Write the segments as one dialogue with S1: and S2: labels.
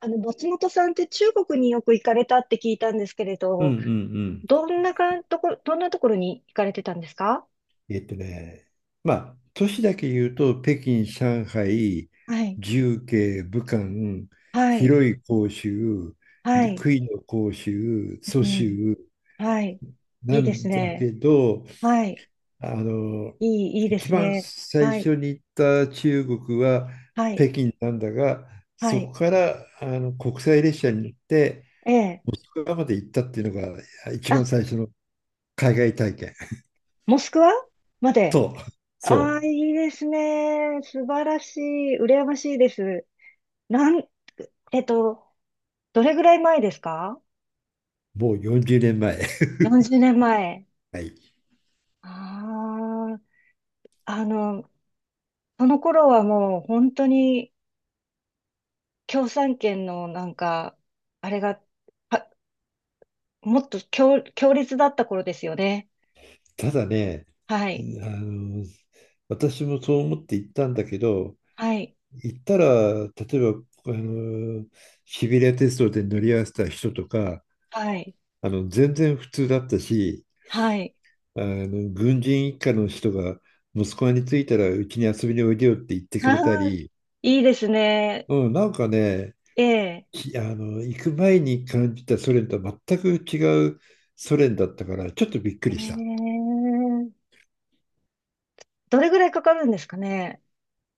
S1: 松本さんって中国によく行かれたって聞いたんですけれ
S2: うんう
S1: ど、
S2: んうん。
S1: どんなかんところ、どんなところに行かれてたんですか？
S2: えっとね、まあ、都市だけ言うと、北京、上海、
S1: はい。
S2: 重慶、武漢、
S1: はい。
S2: 広州、
S1: は
S2: で
S1: い。
S2: 広州、
S1: う
S2: 蘇
S1: ん。
S2: 州
S1: はい。い
S2: な
S1: いです
S2: んだ
S1: ね。
S2: けど、
S1: はい。
S2: あの、
S1: いいいで
S2: 一
S1: す
S2: 番
S1: ね。
S2: 最
S1: はい。
S2: 初に行った中国は
S1: はい。
S2: 北京なんだが、
S1: は
S2: そこ
S1: い。
S2: から国際列車に乗って、
S1: ええ。
S2: モスクワまで行ったっていうのが一番
S1: あ、
S2: 最初の海外体験。
S1: モスクワまで。
S2: そう、そ
S1: ああ、
S2: う。
S1: いいですね。素晴らしい。羨ましいです。なん、えっと、どれぐらい前ですか？
S2: もう40年前。
S1: 40年前。
S2: はい。
S1: ああ、あの、その頃はもう本当に共産圏のなんか、あれが、は、もっと強烈だった頃ですよね。
S2: ただね、
S1: はい。
S2: あの、私もそう思って行ったんだけど、
S1: はい。
S2: 行ったら、例えば、あの、シベリア鉄道で乗り合わせた人とか、
S1: はい。
S2: 全然普通だったし、
S1: はい。
S2: 軍人一家の人が、息子に着いたら、うちに遊びにおいでよって言って
S1: あ
S2: くれた
S1: あ、
S2: り、
S1: いいですね。
S2: うん、なんかね、
S1: ええ。
S2: ひあの、行く前に感じたソ連とは全く違うソ連だったから、ちょっとびっく
S1: え
S2: りした。
S1: え。どれぐらいかかるんですかね？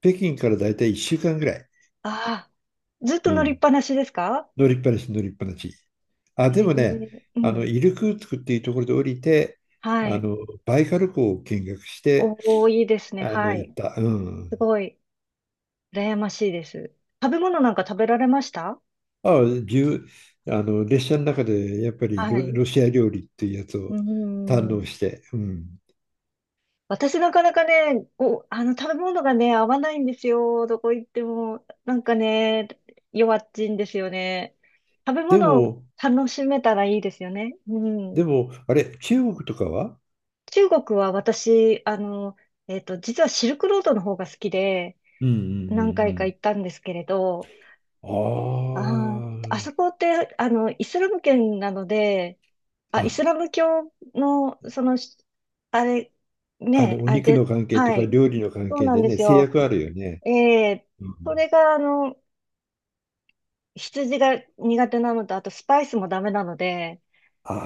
S2: 北京からだいたい1週間ぐらい。
S1: ああ、ずっと
S2: う
S1: 乗りっ
S2: ん。
S1: ぱなしですか？
S2: 乗りっぱなし、乗りっぱなし。あ、で
S1: え
S2: もね、
S1: え、うん。
S2: イルクーツクっていうところで降りて、
S1: は
S2: あ
S1: い。
S2: の、バイカル湖を見学して、
S1: おお、いいですね。は
S2: 行っ
S1: い。
S2: た。う
S1: す
S2: ん。
S1: ごい、羨ましいです。食べ物なんか食べられました？
S2: あ、じゅう、あの、列車の中でやっぱり
S1: はい。
S2: ロシア料理っていうやつ
S1: うー
S2: を堪
S1: ん。
S2: 能して。うん。
S1: 私なかなかね、食べ物がね、合わないんですよ。どこ行っても。なんかね、弱っちいんですよね。食べ
S2: で
S1: 物を
S2: も、
S1: 楽しめたらいいですよね。うん。
S2: でも、あれ、中国とかは。
S1: 中国は私、実はシルクロードの方が好きで、
S2: うんう
S1: 何
S2: ん
S1: 回か行ったんですけれど、
S2: う
S1: あ
S2: んう
S1: あ
S2: ん。
S1: そこって、イスラム圏なので、あ、
S2: ああ、
S1: イスラム教の、あれ、ね、
S2: お
S1: あれ
S2: 肉の
S1: で、
S2: 関係と
S1: は
S2: か
S1: い。
S2: 料理の関
S1: そう
S2: 係
S1: なん
S2: で
S1: で
S2: ね、
S1: す
S2: 制
S1: よ。
S2: 約あるよね。
S1: ええ。
S2: う
S1: そ
S2: ん、
S1: れが、羊が苦手なのと、あとスパイスもダメなので、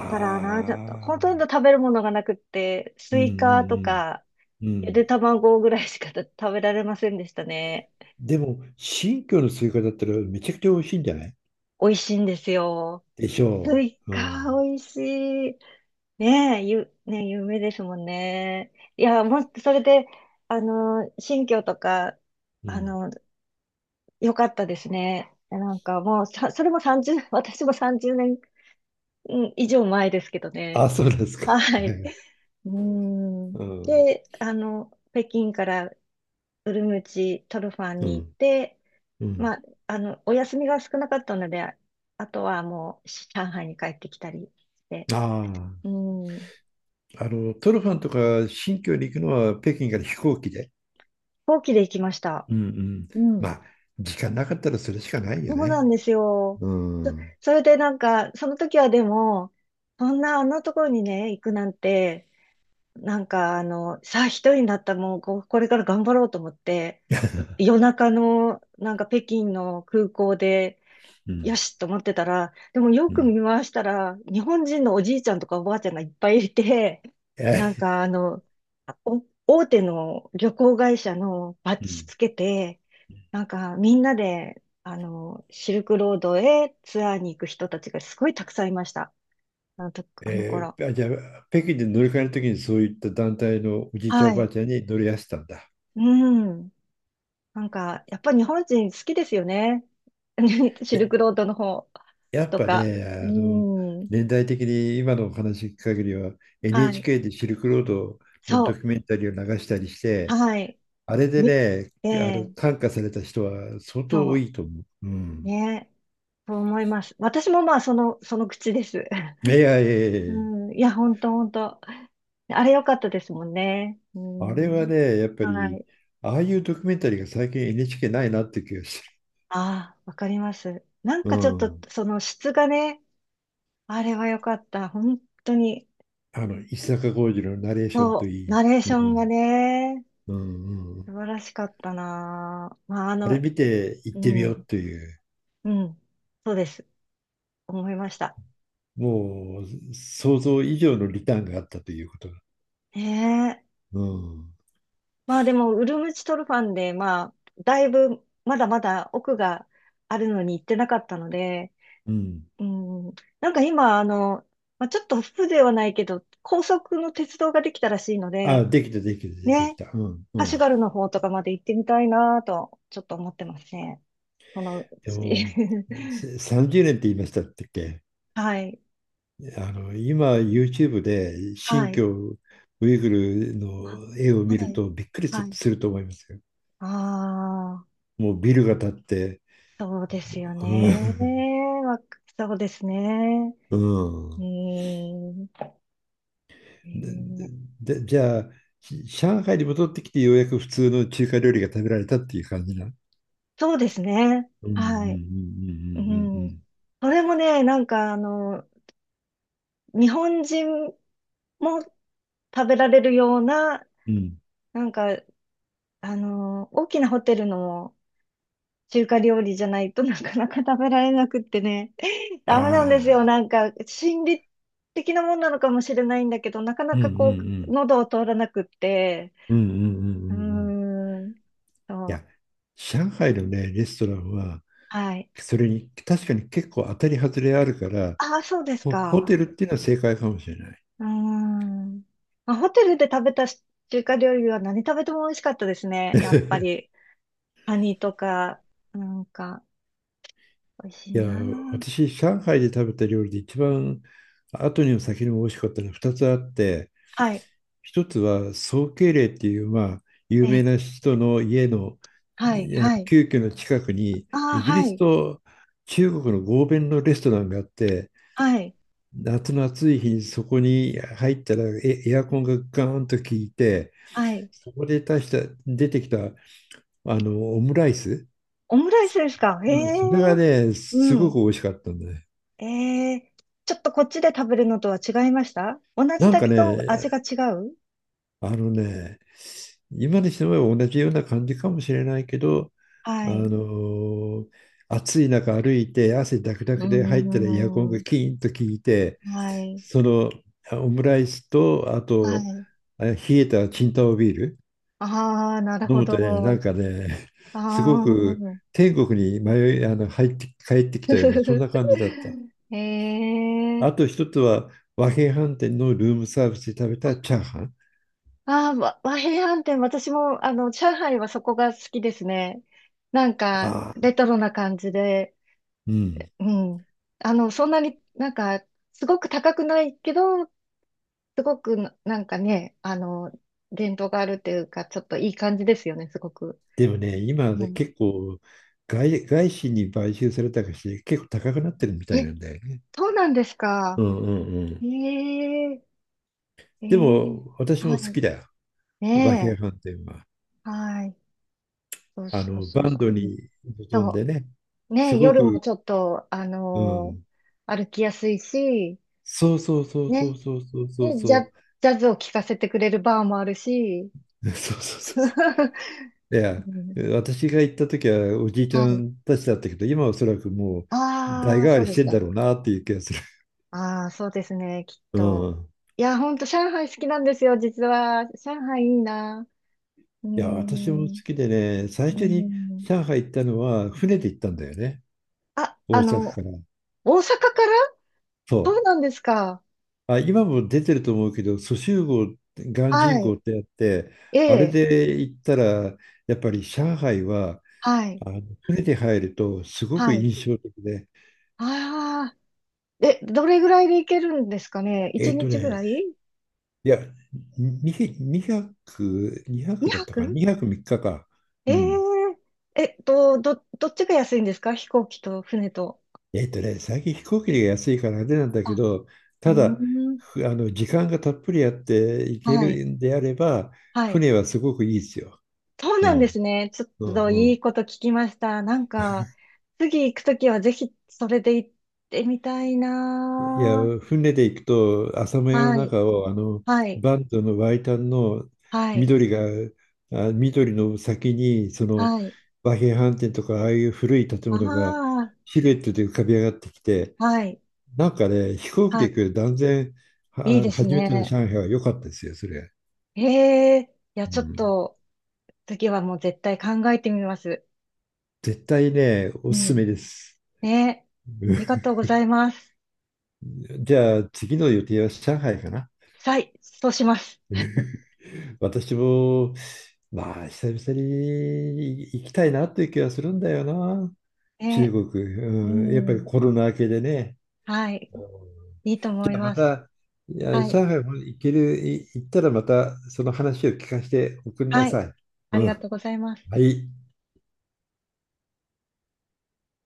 S1: だから、ちょっと、ほ
S2: あ、
S1: とんど食べるものがなくって、
S2: う
S1: ス
S2: んう
S1: イカと
S2: ん。
S1: か、
S2: うん。う
S1: ゆで
S2: ん。
S1: 卵ぐらいしか食べられませんでしたね。
S2: でも、新居のスイカだったらめちゃくちゃ美味しいんじゃない
S1: 美味しいんですよ。
S2: でし
S1: ス
S2: ょ
S1: イ
S2: う。
S1: カ、
S2: うん。
S1: 美味しい。ねえ、ねえ、夢ですもんね。いや、もっとそれで、新居とか、
S2: う
S1: あ
S2: ん。
S1: の、良かったですね。なんかもう、さ、それも30、私も30年、うん以上前ですけどね。
S2: あ、そうなんですか。
S1: は
S2: は
S1: い。
S2: い。
S1: うーん。
S2: うん。
S1: で、北京からウルムチ、トルファン
S2: う
S1: に行っ
S2: ん。
S1: て、
S2: う
S1: ま
S2: ん。
S1: あ、お休みが少なかったので、あとはもう、上海に帰ってきたりして、
S2: あ
S1: うん。飛
S2: あ。トルファンとか新疆に行くのは北京から飛行機で。
S1: 行機で行きました。
S2: うんうん。
S1: う
S2: ま
S1: ん。
S2: あ、時間なかったらそれしかないよ
S1: そうな
S2: ね。
S1: んですよ。
S2: う
S1: そ、
S2: ん。う
S1: それでなんか、その時はでも、そんなあのところにね、行くなんて、なんかさあ一人になったもうこれから頑張ろうと思って、夜中のなんか北京の空港で、
S2: ん。
S1: よしと思ってたら、でもよ
S2: う
S1: く
S2: ん。
S1: 見回したら、日本人のおじいちゃんとかおばあちゃんがいっぱいいて、なん
S2: え
S1: か大手の旅行会社のバッ
S2: う
S1: ジ
S2: ん。
S1: つけて、なんかみんなで、シルクロードへツアーに行く人たちがすごいたくさんいました。あのと、あの頃。
S2: じゃあ、北京で乗り換えるときにそういった団体のおじいちゃんお
S1: は
S2: ばあ
S1: い。
S2: ちゃんに乗り合わせたんだ。
S1: うん。なんか、やっぱり日本人好きですよね。シル
S2: え
S1: クロードの方
S2: やっ
S1: と
S2: ぱ
S1: か。
S2: ね、
S1: う
S2: あの、
S1: ん。
S2: 年代的に今のお話聞く限りは、
S1: はい。
S2: NHK でシルクロードのド
S1: そ
S2: キュメンタリーを流したりし
S1: う。
S2: て、
S1: はい。
S2: あれで
S1: み、
S2: ね、
S1: ええ、
S2: 感化された人は相当多
S1: そ
S2: いと思う。う
S1: う。
S2: ん。
S1: ね。そう思います。私もまあ、その口です。
S2: いやいやいやい
S1: う
S2: や、
S1: ん、いや、ほんとほんと。あれ良かったですもんね。う
S2: あれは
S1: ん、
S2: ね、やっぱ
S1: は
S2: り、
S1: い。
S2: ああいうドキュメンタリーが最近 NHK ないなって気がす
S1: ああ、わかります。なん
S2: る。う
S1: かちょっと、
S2: ん。
S1: その質がね、あれは良かった。本当に。
S2: 石坂浩二のナレーションと
S1: そう、
S2: いい。
S1: ナレー
S2: う
S1: ションが
S2: ん。
S1: ね、
S2: うんうんうん。
S1: 素晴らしかったな。まあ、
S2: あれ見て行っ
S1: う
S2: てみよ
S1: ん、
S2: うという。
S1: うん、そうです。思いました。
S2: もう想像以上のリターンがあったということが。
S1: ねえ。
S2: うん。
S1: まあでも、ウルムチトルファンで、まあ、だいぶ、まだまだ奥があるのに行ってなかったので、
S2: うん。
S1: うん。なんか今、まあ、ちょっと風情はないけど、高速の鉄道ができたらしいの
S2: あ、
S1: で、
S2: できた、できた、でき
S1: ね、
S2: た。うん。うね
S1: カシュ
S2: ん。
S1: ガルの方とかまで行ってみたいなと、ちょっと思ってますね。そのう
S2: で
S1: ち。
S2: も、30年って言いましたっけ？
S1: はい。
S2: 今、YouTube で
S1: は
S2: 新
S1: い。
S2: 疆ウイグル
S1: あ、
S2: の絵を
S1: は
S2: 見る
S1: い。
S2: とびっくり
S1: は
S2: す
S1: い。
S2: すると思いますよ。
S1: ああ、
S2: もうビルが建って。
S1: そうですよ
S2: う
S1: ね。
S2: ん。
S1: そうですね。
S2: う
S1: う
S2: ん。
S1: ーん。
S2: で、
S1: え
S2: じゃあ、上海に戻ってきてようやく普通の中華料理が食べられたっていう感じな。
S1: そうですね。
S2: うんうんうんうんうん
S1: は
S2: う
S1: い。う
S2: んう
S1: ん。
S2: ん。
S1: それもね、なんか日本人も食べられるような、
S2: うん。
S1: なんか、あの大きなホテルの中華料理じゃないとなかなか食べられなくってね。
S2: あ
S1: ダメなんですよ。
S2: あ、
S1: なんか、心理的なもんなのかもしれないんだけど、なかな
S2: うんうんう
S1: かこう、
S2: ん。
S1: 喉を通らなくって。
S2: うんうんうんう
S1: うー
S2: んうん。い
S1: ん。そう。
S2: や、上海のね、レストランは、
S1: はい。
S2: それに確かに結構当たり外れあるから、
S1: ああ、そうです
S2: ホテ
S1: か。
S2: ルっていうのは正解かもしれない。
S1: うーん。まあ、ホテルで食べたし中華料理は何食べても美味しかったですね。やっぱ り。カニとか、なんか、美味し
S2: い
S1: い
S2: や、
S1: な
S2: 私、上海で食べた料理で一番後にも先にも美味しかったのは2つあって、
S1: あ。はい。
S2: 1つは宋慶齢っていう、まあ、
S1: え
S2: 有名
S1: え、
S2: な人の家の
S1: はい、はい。
S2: 旧居の近くに、
S1: ああ、
S2: イギリ
S1: は
S2: ス
S1: い、
S2: と中国の合弁のレストランがあって、
S1: はい、
S2: 夏の暑い日にそこに入ったらエアコンがガーンと効いて、
S1: はい。
S2: そこで出てきたオムライス、
S1: オムライスですか？へ
S2: うん、
S1: え、
S2: それがね、
S1: う
S2: すごく
S1: ん。
S2: 美味しかったんだね。
S1: ええ、ちょっとこっちで食べるのとは違いました？同じ
S2: なん
S1: だ
S2: か
S1: け
S2: ね、
S1: ど味が違う？
S2: あのね、今にしても同じような感じかもしれないけど、
S1: は
S2: あの
S1: い。
S2: ー暑い中歩いて汗だくだ
S1: うー
S2: くで入ったらエアコンが
S1: ん。
S2: キーンと効いて、
S1: はい、
S2: そのオムライスと、あ
S1: は
S2: と、
S1: い。
S2: 冷えたチンタオビール。
S1: ああ、なる
S2: 飲
S1: ほ
S2: むとね、な
S1: ど。
S2: んかね、
S1: あ
S2: すごく
S1: あ、
S2: 天国に迷い、入って帰ってき
S1: ふ
S2: たような、
S1: ふ
S2: そん
S1: ふ。
S2: な感じだった。
S1: え
S2: あ
S1: え。
S2: と一つは、和平飯店のルームサービスで食べたチャーハン。
S1: ああ、和平飯店、私も、上海はそこが好きですね。なんか、
S2: あ
S1: レ
S2: あ、
S1: トロな感じで、
S2: うん。
S1: うん。そんなになんか、すごく高くないけど、すごくな、なんかね、伝統があるっていうか、ちょっといい感じですよね、すごく。
S2: でもね、今
S1: う
S2: で
S1: ん。
S2: 結構外資に買収されたかし結構高くなってるみたい
S1: え、
S2: なんだよね。
S1: そうなんです
S2: う
S1: か。
S2: んうんう
S1: え
S2: ん。
S1: え、え
S2: で
S1: え、
S2: も、私
S1: は
S2: も好
S1: い。
S2: きだよ。和平
S1: ね
S2: 飯店は。
S1: え。はい。そうそうそう
S2: バン
S1: そ
S2: ド
S1: う。うん。
S2: に臨ん
S1: そ
S2: でね、
S1: う。
S2: す
S1: ね、
S2: ご
S1: 夜も
S2: く、
S1: ちょっと、
S2: うん。
S1: 歩きやすいし、
S2: そうそうそうそ
S1: ね、
S2: うそうそうそう
S1: で、
S2: そう。
S1: ジャズを聴かせてくれるバーもあるし、
S2: そうそう そう
S1: う
S2: そう。いや、
S1: ん。
S2: 私が行った時はおじいちゃ
S1: はい。
S2: んたちだったけど、今はおそらくもう代
S1: ああ、
S2: 替わ
S1: そう
S2: り
S1: で
S2: し
S1: す
S2: てんだ
S1: か。
S2: ろうなっていう気がする。
S1: ああ、そうですね、きっ
S2: う
S1: と。
S2: ん。
S1: いや、ほんと、上海好きなんですよ、実は。上海いいな。うー
S2: いや、私も好
S1: ん、
S2: きでね、最
S1: うー
S2: 初に
S1: ん。
S2: 上海行ったのは船で行ったんだよね。
S1: あ、
S2: 大阪から。
S1: 大阪から。
S2: そ
S1: そう
S2: う。
S1: なんですか？
S2: あ、今も出てると思うけど、蘇州号、鑑
S1: は
S2: 真号
S1: い。
S2: ってやって、
S1: え
S2: あれ
S1: え、
S2: で行ったら、やっぱり上海は、
S1: はい、
S2: 船で入るとすごく
S1: はい。
S2: 印象的で、
S1: ああ。え、どれぐらいで行けるんですかね？
S2: え
S1: 1
S2: っと
S1: 日ぐ
S2: ね、
S1: らい？
S2: いや、200、にひゃくにひゃ
S1: 2
S2: くだったかな、
S1: 泊？
S2: 2泊3日か？
S1: え
S2: うん。
S1: ー、どっちが安いんですか？飛行機と船と。
S2: 最近飛行機が安いからあれなんだけ
S1: あ、
S2: ど、
S1: う
S2: ただ、
S1: ーん。
S2: ふあの、時間がたっぷりあって行け
S1: はい。
S2: るんであれば、
S1: はい。
S2: 船はすごくいいですよ。
S1: そう
S2: う
S1: なんで
S2: ん。
S1: すね。ちょ
S2: う
S1: っ
S2: ん
S1: と
S2: う
S1: いい
S2: ん。
S1: こと聞きました。なんか、次行くときはぜひそれで行ってみたい
S2: いや、
S1: な
S2: 船で行くと、浅間
S1: ー。
S2: 山の
S1: はい。
S2: 中を、
S1: はい。
S2: バンドのワイタンの
S1: はい。
S2: 緑が、緑の先に、その、
S1: はい。
S2: 和平飯店とか、ああいう古い建
S1: あ
S2: 物が、
S1: あ、
S2: シルエットで浮かび上がってきて、
S1: はい。
S2: なんかね、飛行機
S1: は
S2: で
S1: い。
S2: 行く断然、
S1: いいです
S2: 初めての
S1: ね。
S2: 上海は良かったですよ、それ。
S1: ええ。いや、
S2: う
S1: ちょっ
S2: ん、
S1: と、次はもう絶対考えてみます。
S2: 絶対ね、
S1: う
S2: おすす
S1: ん。
S2: めです。
S1: ね。
S2: う
S1: ありが
S2: ん。
S1: とうございます。
S2: じゃあ、次の予定は上海かな。
S1: はい。そうします。
S2: 私も、まあ、久々に行きたいなという気がするんだよな。中
S1: ね。
S2: 国。
S1: う
S2: うん、やっぱり
S1: ん。
S2: コロナ明けでね。
S1: はい。いいと
S2: じ
S1: 思い
S2: ゃあま
S1: ます。
S2: た、いや、
S1: はい。
S2: 上海も行ける、行ったらまたその話を聞かせておくんな
S1: は
S2: さ
S1: い。
S2: い。
S1: あり
S2: う
S1: がと
S2: ん。
S1: うございます。
S2: はい。